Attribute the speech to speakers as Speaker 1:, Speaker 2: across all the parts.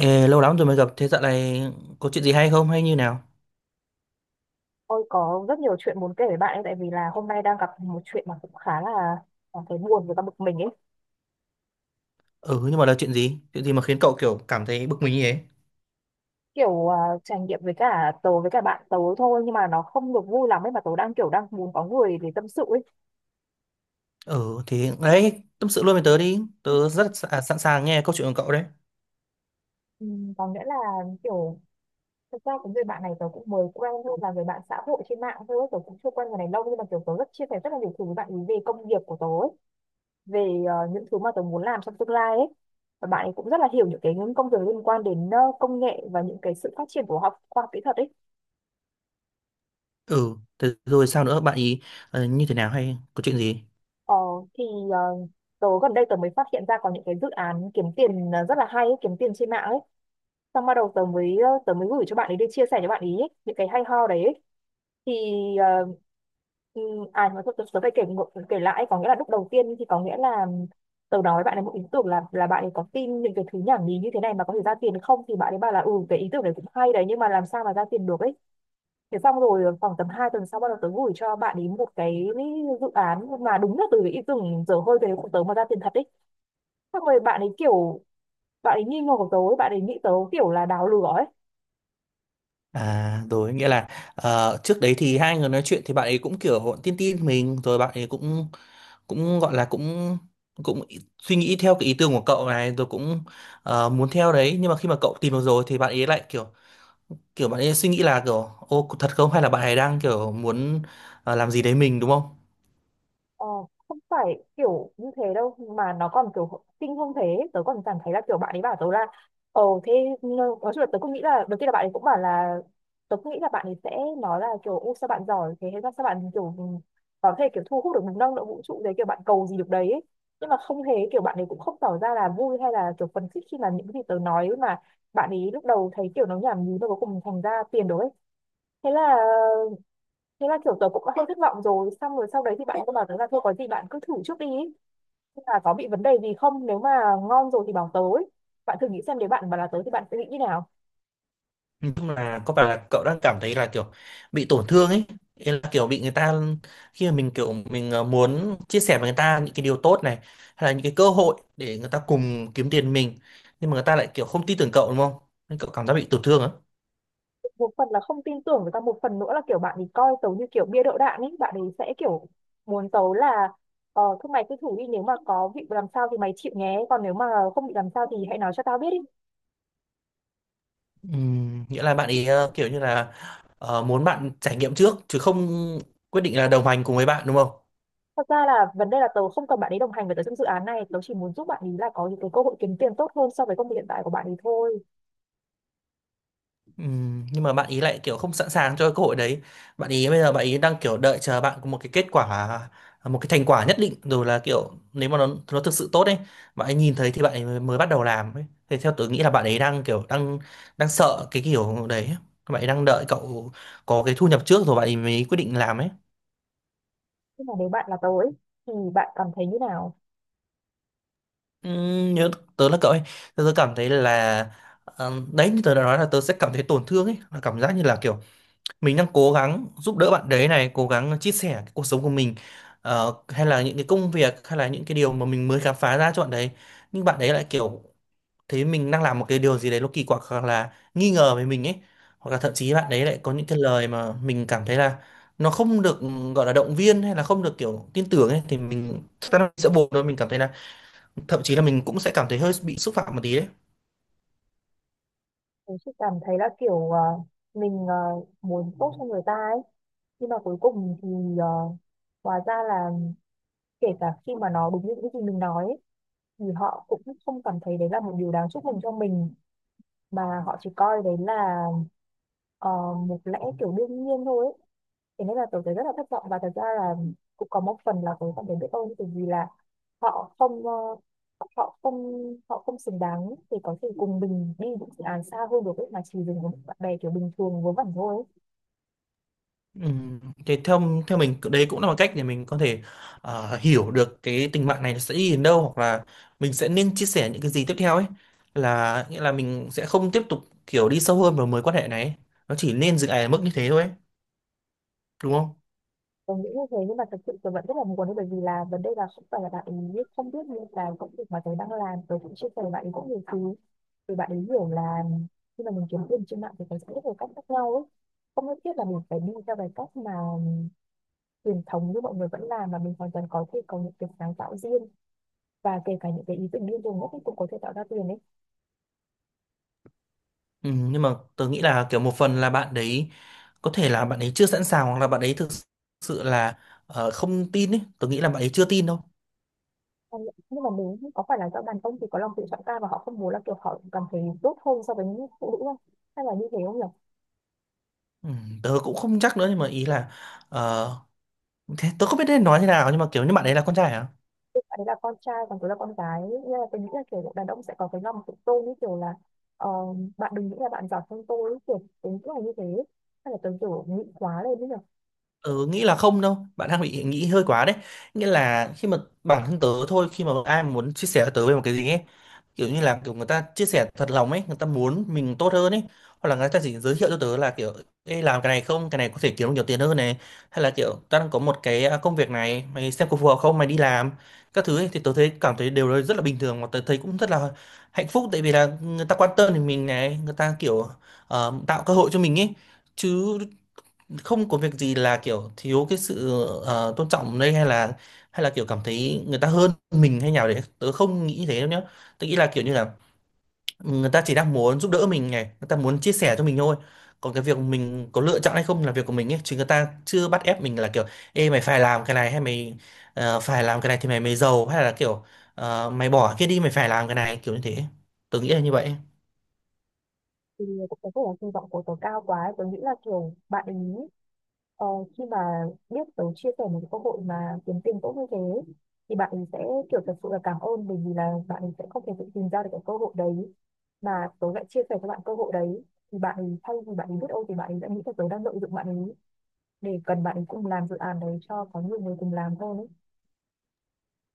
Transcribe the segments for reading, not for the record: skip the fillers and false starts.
Speaker 1: Ê, lâu lắm rồi mới gặp, thế dạo này có chuyện gì hay không hay như nào?
Speaker 2: Tôi có rất nhiều chuyện muốn kể với bạn ấy tại vì là hôm nay đang gặp một chuyện mà cũng khá là cảm thấy buồn và cả bực mình ấy.
Speaker 1: Ừ, nhưng mà là chuyện gì? Chuyện gì mà khiến cậu kiểu cảm thấy bực mình như thế?
Speaker 2: Kiểu à, trải nghiệm với cả tớ với cả bạn tớ thôi nhưng mà nó không được vui lắm ấy mà tớ đang đang muốn có người để tâm sự ấy.
Speaker 1: Ừ, thì đấy, tâm sự luôn với tớ đi, tớ rất sẵn sàng nghe câu chuyện của cậu đấy.
Speaker 2: Ừ, có nghĩa là kiểu thực ra cái người bạn này tớ cũng mới quen thôi, là người bạn xã hội trên mạng thôi, tớ cũng chưa quen người này lâu nhưng mà kiểu tớ rất chia sẻ rất là nhiều thứ với bạn ấy về công việc của tớ ấy, về những thứ mà tớ muốn làm trong tương lai ấy. Và bạn ấy cũng rất là hiểu những cái những công việc liên quan đến công nghệ và những cái sự phát triển của học khoa học kỹ thuật ấy.
Speaker 1: Ừ, thế rồi sao nữa, bạn ý như thế nào hay có chuyện gì?
Speaker 2: Ờ, thì ờ, Tớ gần đây mới phát hiện ra có những cái dự án kiếm tiền rất là hay ấy, kiếm tiền trên mạng ấy. Xong bắt đầu tớ mới tớ mới gửi cho bạn ấy để chia sẻ cho bạn ấy những cái hay ho đấy ấy. Thì ờ, ừ, à Nhưng mà thôi tớ phải kể kể lại, có nghĩa là lúc đầu tiên thì có nghĩa là tớ nói với bạn ấy một ý tưởng là bạn ấy có tin những cái thứ nhảm nhí như thế này mà có thể ra tiền không, thì bạn ấy bảo là ừ cái ý tưởng này cũng hay đấy nhưng mà làm sao mà ra tiền được ấy. Thế xong rồi khoảng tầm 2 tuần sau bắt đầu tớ gửi cho bạn ấy một cái dự án mà đúng là từ cái ý tưởng dở hơi về của tớ mà ra tiền thật ấy. Xong rồi bạn ấy kiểu bạn ấy nghi ngờ của tớ, ấy, bạn ấy nghĩ tớ kiểu là đào lừa ấy.
Speaker 1: À, rồi, nghĩa là trước đấy thì hai người nói chuyện thì bạn ấy cũng kiểu tin tin mình, rồi bạn ấy cũng cũng gọi là cũng cũng ý- suy nghĩ theo cái ý tưởng của cậu này, rồi cũng muốn theo đấy, nhưng mà khi mà cậu tìm được rồi thì bạn ấy lại kiểu kiểu bạn ấy suy nghĩ là kiểu ô thật không hay là bạn ấy đang kiểu muốn làm gì đấy mình đúng không?
Speaker 2: Ờ, không phải kiểu như thế đâu mà nó còn kiểu kinh hơn thế, tớ còn cảm thấy là kiểu bạn ấy bảo tớ là ờ thế nói chung là tớ cũng nghĩ là đầu tiên là bạn ấy cũng bảo là tớ cũng nghĩ là bạn ấy sẽ nói là kiểu u sao bạn giỏi thế, hay là sao bạn kiểu ừ, có thể kiểu thu hút được năng lượng vũ trụ đấy, kiểu bạn cầu gì được đấy ấy. Nhưng mà không hề, kiểu bạn ấy cũng không tỏ ra là vui hay là kiểu phấn khích khi mà những cái gì tớ nói mà bạn ấy lúc đầu thấy kiểu nó nhảm nhí mà cuối cùng thành ra tiền đồ ấy. thế là Thế là kiểu tớ cũng đã hơi thất vọng rồi. Xong rồi sau đấy thì bạn cứ bảo tớ là thôi có gì bạn cứ thử trước đi ý. Là có bị vấn đề gì không, nếu mà ngon rồi thì bảo tớ ấy. Bạn thử nghĩ xem nếu bạn mà là tớ thì bạn sẽ nghĩ như nào.
Speaker 1: Nói chung là có phải là cậu đang cảm thấy là kiểu bị tổn thương ấy? Ý là kiểu bị người ta khi mà mình kiểu mình muốn chia sẻ với người ta những cái điều tốt này hay là những cái cơ hội để người ta cùng kiếm tiền mình, nhưng mà người ta lại kiểu không tin tưởng cậu, đúng không? Nên cậu cảm giác bị tổn thương á.
Speaker 2: Một phần là không tin tưởng, với cả một phần nữa là kiểu bạn thì coi tớ như kiểu bia đỡ đạn ấy. Bạn ấy sẽ kiểu muốn tớ là ờ thôi mày cứ thử đi, nếu mà có bị làm sao thì mày chịu nhé, còn nếu mà không bị làm sao thì hãy nói cho tao biết đi.
Speaker 1: Nghĩa là bạn ấy kiểu như là muốn bạn trải nghiệm trước chứ không quyết định là đồng hành cùng với bạn đúng không?
Speaker 2: Thật ra là vấn đề là tớ không cần bạn ấy đồng hành với tớ trong dự án này. Tớ chỉ muốn giúp bạn ấy là có những cái cơ hội kiếm tiền tốt hơn so với công việc hiện tại của bạn ấy thôi.
Speaker 1: Ừ, nhưng mà bạn ý lại kiểu không sẵn sàng cho cơ hội đấy, bạn ý bây giờ bạn ý đang kiểu đợi chờ bạn có một cái kết quả, một cái thành quả nhất định rồi là kiểu nếu mà nó thực sự tốt ấy, bạn ấy nhìn thấy thì bạn ấy mới mới bắt đầu làm ấy, thì theo tôi nghĩ là bạn ấy đang kiểu đang đang sợ cái kiểu đấy, bạn ấy đang đợi cậu có cái thu nhập trước rồi bạn ấy mới quyết định làm ấy.
Speaker 2: Nhưng mà nếu bạn là tớ ấy, thì bạn cảm thấy như nào?
Speaker 1: Ừ, nhớ tớ là cậu ấy, tớ cảm thấy là đấy như tớ đã nói là tớ sẽ cảm thấy tổn thương ấy, là cảm giác như là kiểu mình đang cố gắng giúp đỡ bạn đấy này, cố gắng chia sẻ cái cuộc sống của mình, hay là những cái công việc hay là những cái điều mà mình mới khám phá ra cho bạn đấy, nhưng bạn đấy lại kiểu thấy mình đang làm một cái điều gì đấy nó kỳ quặc hoặc là nghi ngờ về mình ấy, hoặc là thậm chí bạn đấy lại có những cái lời mà mình cảm thấy là nó không được gọi là động viên hay là không được kiểu tin tưởng ấy, thì mình chắc chắn là mình sẽ buồn thôi, mình cảm thấy là thậm chí là mình cũng sẽ cảm thấy hơi bị xúc phạm một tí đấy.
Speaker 2: Tớ chỉ cảm thấy là kiểu mình muốn tốt cho người ta ấy. Nhưng mà cuối cùng thì ờ, hóa ra là kể cả khi mà nó đúng như những gì mình nói ấy, thì họ cũng không cảm thấy đấy là một điều đáng chúc mừng cho mình mà họ chỉ coi đấy là ờ, một lẽ kiểu đương nhiên thôi ấy. Thế nên là tớ thấy rất là thất vọng và thật ra là cũng có một phần là tớ cảm thấy biết ơn từ vì là họ không họ không họ không xứng đáng thì có thể cùng mình đi những dự án xa hơn được ấy, mà chỉ dừng với những bạn bè kiểu bình thường vớ vẩn thôi ấy.
Speaker 1: Ừ, thì theo theo mình đấy cũng là một cách để mình có thể hiểu được cái tình bạn này nó sẽ đi đến đâu hoặc là mình sẽ nên chia sẻ những cái gì tiếp theo ấy, là nghĩa là mình sẽ không tiếp tục kiểu đi sâu hơn vào mối quan hệ này ấy. Nó chỉ nên dừng lại ở mức như thế thôi ấy, đúng không?
Speaker 2: Tớ nghĩ như thế nhưng mà thật sự tớ vẫn rất là muốn ấy, bởi vì là vấn đề là không phải là bạn ấy không biết, như là công việc mà tớ đang làm tớ cũng chia sẻ với bạn ấy cũng nhiều thứ, thì bạn ấy hiểu là khi mà mình kiếm tiền trên mạng thì có rất nhiều cách khác nhau ấy, không nhất thiết là mình phải đi theo cái cách mà truyền thống như mọi người vẫn làm, mà mình hoàn toàn có thể có những cái sáng tạo riêng, và kể cả những cái ý tưởng điên rồ ngốc ấy cũng có thể tạo ra tiền đấy.
Speaker 1: Ừ, nhưng mà tớ nghĩ là kiểu một phần là bạn đấy có thể là bạn ấy chưa sẵn sàng hoặc là bạn ấy thực sự là không tin ấy, tớ nghĩ là bạn ấy chưa tin đâu.
Speaker 2: Nhưng mà mình nghĩ có phải là do đàn ông thì có lòng tự trọng cao và họ không muốn là kiểu họ cảm thấy tốt hơn so với những phụ nữ không, hay là như thế không nhỉ.
Speaker 1: Ừ, tớ cũng không chắc nữa nhưng mà ý là ờ, thế tớ không biết nên nói thế nào nhưng mà kiểu như bạn ấy là con trai à?
Speaker 2: Tức là con trai còn tôi là con gái nên là tôi nghĩ là kiểu đàn ông sẽ có cái lòng tự tôn như kiểu là ờ, bạn đừng nghĩ là bạn giỏi hơn tôi ấy, kiểu tính là như thế, hay là tôi kiểu nghĩ quá lên ấy nhỉ?
Speaker 1: Ừ, nghĩ là không đâu, bạn đang bị nghĩ hơi quá đấy, nghĩa là khi mà bản thân tớ thôi, khi mà ai muốn chia sẻ với tớ về một cái gì ấy, kiểu như là kiểu người ta chia sẻ thật lòng ấy, người ta muốn mình tốt hơn ấy, hoặc là người ta chỉ giới thiệu cho tớ là kiểu ê, làm cái này không, cái này có thể kiếm được nhiều tiền hơn này, hay là kiểu tao đang có một cái công việc này mày xem có phù hợp không mày đi làm các thứ ấy, thì tớ thấy cảm thấy đều rất là bình thường mà tớ thấy cũng rất là hạnh phúc tại vì là người ta quan tâm đến mình này, người ta kiểu tạo cơ hội cho mình ấy, chứ không có việc gì là kiểu thiếu cái sự tôn trọng đây hay là kiểu cảm thấy người ta hơn mình hay nào đấy, tớ không nghĩ thế đâu nhá. Tớ nghĩ là kiểu như là người ta chỉ đang muốn giúp đỡ mình này, người ta muốn chia sẻ cho mình thôi, còn cái việc mình có lựa chọn hay không là việc của mình ấy, chứ người ta chưa bắt ép mình là kiểu ê mày phải làm cái này hay mày phải làm cái này thì mày mới giàu, hay là kiểu mày bỏ cái kia đi mày phải làm cái này kiểu như thế. Tớ nghĩ là như vậy.
Speaker 2: Thì cũng có thể là kỳ vọng của tớ cao quá ấy. Tớ nghĩ là kiểu bạn ý ờ, khi mà biết tớ chia sẻ một cái cơ hội mà kiếm tiền tốt như thế thì bạn ấy sẽ kiểu thật sự là cảm ơn, bởi vì là bạn ấy sẽ không thể tự tìm ra được cái cơ hội đấy mà tớ lại chia sẻ cho bạn cơ hội đấy, thì bạn ấy thay vì bạn ấy biết ơn thì bạn ấy đã nghĩ là tớ đang lợi dụng bạn ấy để cần bạn ấy cùng làm dự án đấy cho có nhiều người cùng làm hơn ấy.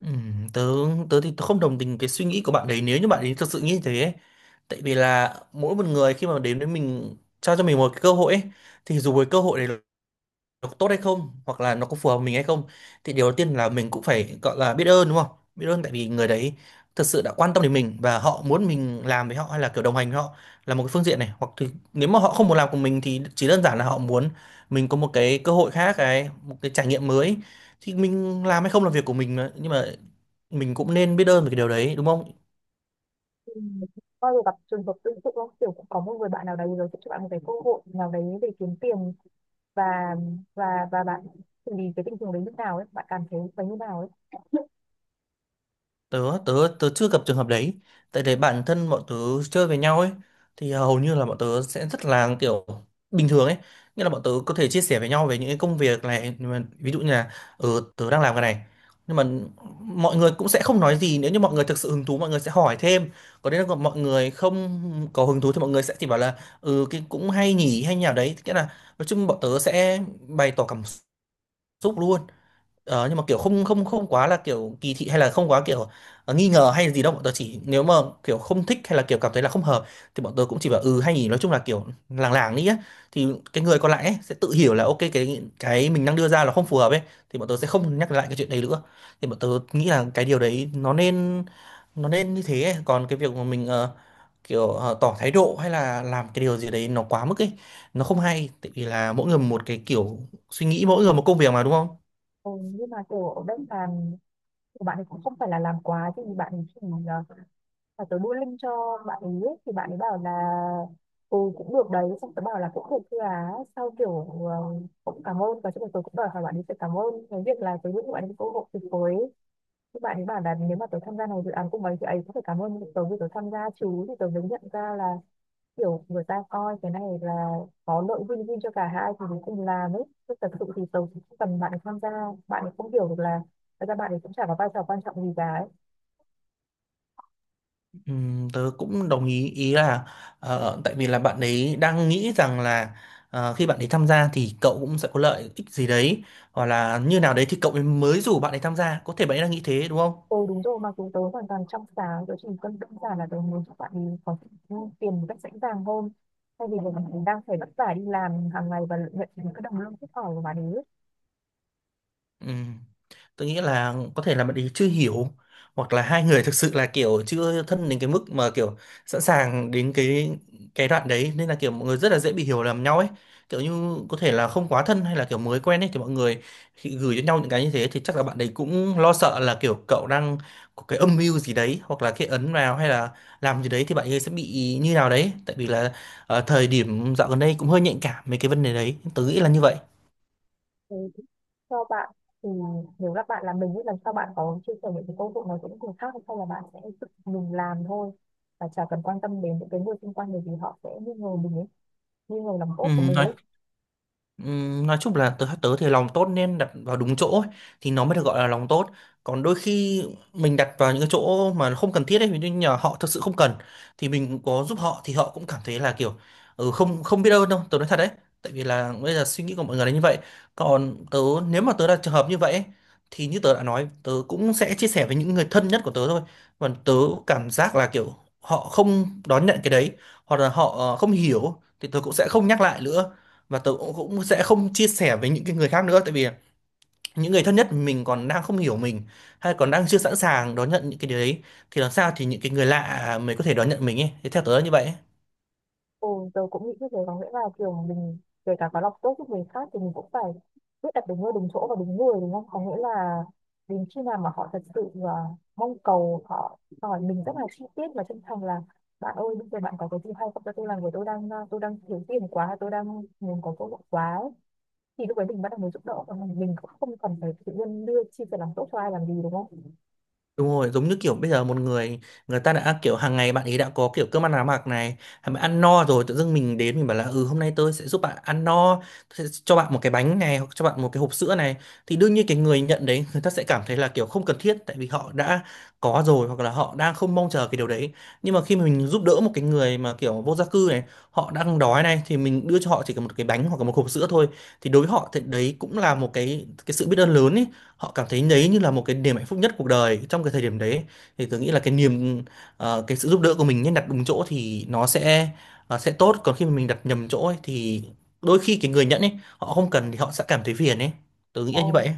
Speaker 1: Tớ tớ thì tớ không đồng tình cái suy nghĩ của bạn đấy nếu như bạn ấy thực sự nghĩ thế ấy. Tại vì là mỗi một người khi mà đến với mình trao cho mình một cái cơ hội ấy, thì dù với cơ hội đấy nó có tốt hay không hoặc là nó có phù hợp với mình hay không, thì điều đầu tiên là mình cũng phải gọi là biết ơn đúng không? Biết ơn tại vì người đấy thật sự đã quan tâm đến mình và họ muốn mình làm với họ hay là kiểu đồng hành với họ là một cái phương diện này, hoặc thì nếu mà họ không muốn làm cùng mình thì chỉ đơn giản là họ muốn mình có một cái cơ hội khác, cái một cái trải nghiệm mới, thì mình làm hay không là việc của mình mà. Nhưng mà mình cũng nên biết ơn về cái điều đấy đúng không?
Speaker 2: Ừ. Bao giờ gặp trường hợp tương tự không? Kiểu cũng có một người bạn nào đấy rồi sẽ cho bạn một cái cơ hội nào đấy để kiếm tiền, và bạn xử lý cái tình huống đấy như nào ấy, bạn cảm thấy phải như nào ấy.
Speaker 1: Tớ tớ tớ chưa gặp trường hợp đấy, tại để bản thân bọn tớ chơi với nhau ấy, thì hầu như là bọn tớ sẽ rất là kiểu bình thường ấy, nghĩa là bọn tớ có thể chia sẻ với nhau về những cái công việc này nhưng mà ví dụ như là ừ, tớ đang làm cái này, nhưng mà mọi người cũng sẽ không nói gì, nếu như mọi người thực sự hứng thú mọi người sẽ hỏi thêm, còn nếu là mọi người không có hứng thú thì mọi người sẽ chỉ bảo là ừ cái cũng hay nhỉ đấy, nghĩa là nói chung bọn tớ sẽ bày tỏ cảm xúc luôn. Ờ, nhưng mà kiểu không không không quá là kiểu kỳ thị hay là không quá kiểu nghi ngờ hay gì đâu, bọn tớ chỉ nếu mà kiểu không thích hay là kiểu cảm thấy là không hợp thì bọn tớ cũng chỉ bảo ừ hay nhỉ, nói chung là kiểu làng làng đi á, thì cái người còn lại ấy sẽ tự hiểu là ok cái mình đang đưa ra là không phù hợp ấy, thì bọn tớ sẽ không nhắc lại cái chuyện đấy nữa, thì bọn tớ nghĩ là cái điều đấy nó nên như thế ấy. Còn cái việc mà mình kiểu tỏ thái độ hay là làm cái điều gì đấy nó quá mức ấy, nó không hay, tại vì là mỗi người một cái kiểu suy nghĩ mỗi người một công việc mà đúng không?
Speaker 2: Ừ, nhưng mà kiểu ở bên sàn của bạn ấy cũng không phải là làm quá, thì bạn ấy chỉ là tớ đưa link cho bạn ấy ấy, thì bạn ấy bảo là ừ cũng được đấy, xong tớ bảo là cũng được thưa á, sau kiểu cũng cảm ơn và chúng tôi cũng đòi hỏi bạn ấy phải cảm ơn cái việc là tớ giúp bạn ấy cơ hội tuyệt vời ấy. Thì bạn ấy bảo là nếu mà tớ tham gia này dự án cùng ấy thì ấy cũng phải cảm ơn tớ vì tớ tham gia chứ, thì tớ mới nhận ra là kiểu người ta coi cái này là có lợi win-win cho cả hai thì mình cùng làm ấy, chứ thật sự thì tớ cũng không cần bạn ấy tham gia. Bạn ấy không hiểu được là thật ra bạn ấy cũng chả có vai trò quan trọng gì cả ấy.
Speaker 1: Tớ cũng đồng ý, ý là tại vì là bạn ấy đang nghĩ rằng là khi bạn ấy tham gia thì cậu cũng sẽ có lợi ích gì đấy hoặc là như nào đấy thì cậu ấy mới rủ bạn ấy tham gia, có thể bạn ấy đang nghĩ thế đúng không?
Speaker 2: Ừ đúng rồi, mặc dù tớ hoàn toàn trong sáng, tớ chỉ cần đơn giản là tớ muốn cho bạn ấy có tiền một cách dễ dàng hơn thay vì là mình đang phải vất vả đi làm hàng ngày và nhận những cái đồng lương thấp ỏi của bạn ấy.
Speaker 1: Ừ. Tôi nghĩ là có thể là bạn ấy chưa hiểu hoặc là hai người thực sự là kiểu chưa thân đến cái mức mà kiểu sẵn sàng đến cái đoạn đấy, nên là kiểu mọi người rất là dễ bị hiểu lầm nhau ấy, kiểu như có thể là không quá thân hay là kiểu mới quen ấy thì mọi người khi gửi cho nhau những cái như thế thì chắc là bạn ấy cũng lo sợ là kiểu cậu đang có cái âm mưu gì đấy hoặc là cái ấn vào hay là làm gì đấy thì bạn ấy sẽ bị như nào đấy, tại vì là thời điểm dạo gần đây cũng hơi nhạy cảm mấy cái vấn đề đấy, tớ nghĩ là như vậy.
Speaker 2: Ừ, cho bạn thì nếu các bạn là mình, nghĩ lần sau bạn có chia sẻ những cái công việc này với những người khác hay không, là bạn sẽ tự mình làm thôi và chả cần quan tâm đến những cái người xung quanh bởi vì họ sẽ nghi ngờ mình ấy, nghi ngờ lòng
Speaker 1: ừ,
Speaker 2: tốt của mình
Speaker 1: nói
Speaker 2: ấy.
Speaker 1: Nói chung là tớ tớ thì lòng tốt nên đặt vào đúng chỗ ấy, thì nó mới được gọi là lòng tốt, còn đôi khi mình đặt vào những cái chỗ mà không cần thiết ấy, ví dụ như là họ thực sự không cần thì mình có giúp họ thì họ cũng cảm thấy là kiểu ừ, không không biết ơn đâu, tớ nói thật đấy, tại vì là bây giờ suy nghĩ của mọi người là như vậy. Còn tớ, nếu mà tớ là trường hợp như vậy ấy, thì như tớ đã nói tớ cũng sẽ chia sẻ với những người thân nhất của tớ thôi, còn tớ cảm giác là kiểu họ không đón nhận cái đấy hoặc là họ không hiểu thì tớ cũng sẽ không nhắc lại nữa, và tớ cũng cũng sẽ không chia sẻ với những cái người khác nữa, tại vì những người thân nhất mình còn đang không hiểu mình hay còn đang chưa sẵn sàng đón nhận những cái điều đấy, thì làm sao thì những cái người lạ mới có thể đón nhận mình ấy, thì theo tớ là như vậy.
Speaker 2: Ừ, tớ cũng nghĩ như thế, có nghĩa là kiểu mình kể cả có lòng tốt giúp người khác thì mình cũng phải biết đặt đúng nơi đúng chỗ và đúng người, đúng không? Có nghĩa là đến khi nào mà họ thật sự mong cầu, họ hỏi mình rất là chi tiết và chân thành là bạn ơi bây giờ bạn có cái gì hay không cho tôi làm với, tôi đang tôi đang thiếu tiền quá, tôi đang muốn có cơ hội quá ấy. Thì lúc đấy mình bắt đầu mới giúp đỡ, còn mình cũng không cần phải tự nhiên đưa chi sẻ lòng tốt cho ai làm gì, đúng không?
Speaker 1: Đúng rồi, giống như kiểu bây giờ một người người ta đã kiểu hàng ngày bạn ấy đã có kiểu cơm ăn áo mặc này, bạn ăn no rồi tự dưng mình đến mình bảo là ừ hôm nay tôi sẽ giúp bạn ăn no, tôi sẽ cho bạn một cái bánh này hoặc cho bạn một cái hộp sữa này, thì đương nhiên cái người nhận đấy người ta sẽ cảm thấy là kiểu không cần thiết, tại vì họ đã có rồi hoặc là họ đang không mong chờ cái điều đấy. Nhưng mà khi mà mình giúp đỡ một cái người mà kiểu vô gia cư này, họ đang đói này thì mình đưa cho họ chỉ cần một cái bánh hoặc là một hộp sữa thôi, thì đối với họ thì đấy cũng là một cái sự biết ơn lớn ấy, họ cảm thấy đấy như là một cái niềm hạnh phúc nhất cuộc đời trong cái thời điểm đấy. Thì tôi nghĩ là cái niềm cái sự giúp đỡ của mình nên đặt đúng chỗ thì nó sẽ sẽ tốt, còn khi mà mình đặt nhầm chỗ ấy, thì đôi khi cái người nhận ấy họ không cần thì họ sẽ cảm thấy phiền ấy, tôi nghĩ
Speaker 2: Ờ,
Speaker 1: là như vậy ấy.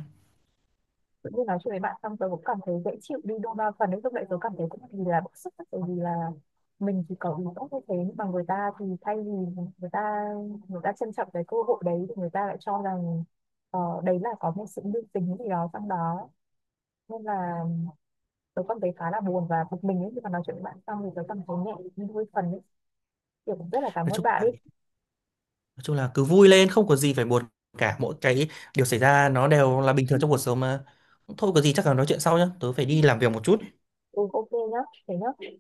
Speaker 2: tự nhiên nói chuyện với bạn xong tớ cũng cảm thấy dễ chịu đi đôi ba phần ấy, lúc đấy tớ cảm thấy cũng vì là bức xúc tại vì là mình thì có ý tốt như thế nhưng mà người ta thì thay vì người ta người ta trân trọng cái cơ hội đấy thì người ta lại cho rằng đấy là có một sự lưu tình gì đó trong đó, nên là tớ cảm thấy khá là buồn và bực mình ấy. Khi mà nói chuyện với bạn xong thì tớ cảm thấy nhẹ đi đôi phần ấy, kiểu cũng rất là cảm
Speaker 1: nói
Speaker 2: ơn
Speaker 1: chung
Speaker 2: bạn
Speaker 1: là
Speaker 2: ấy.
Speaker 1: nói chung là cứ vui lên, không có gì phải buồn cả, mỗi cái điều xảy ra nó đều là bình thường trong cuộc sống mà, thôi có gì chắc là nói chuyện sau nhá, tớ phải đi làm việc một chút.
Speaker 2: Ừ, ok nhá, thế nhá.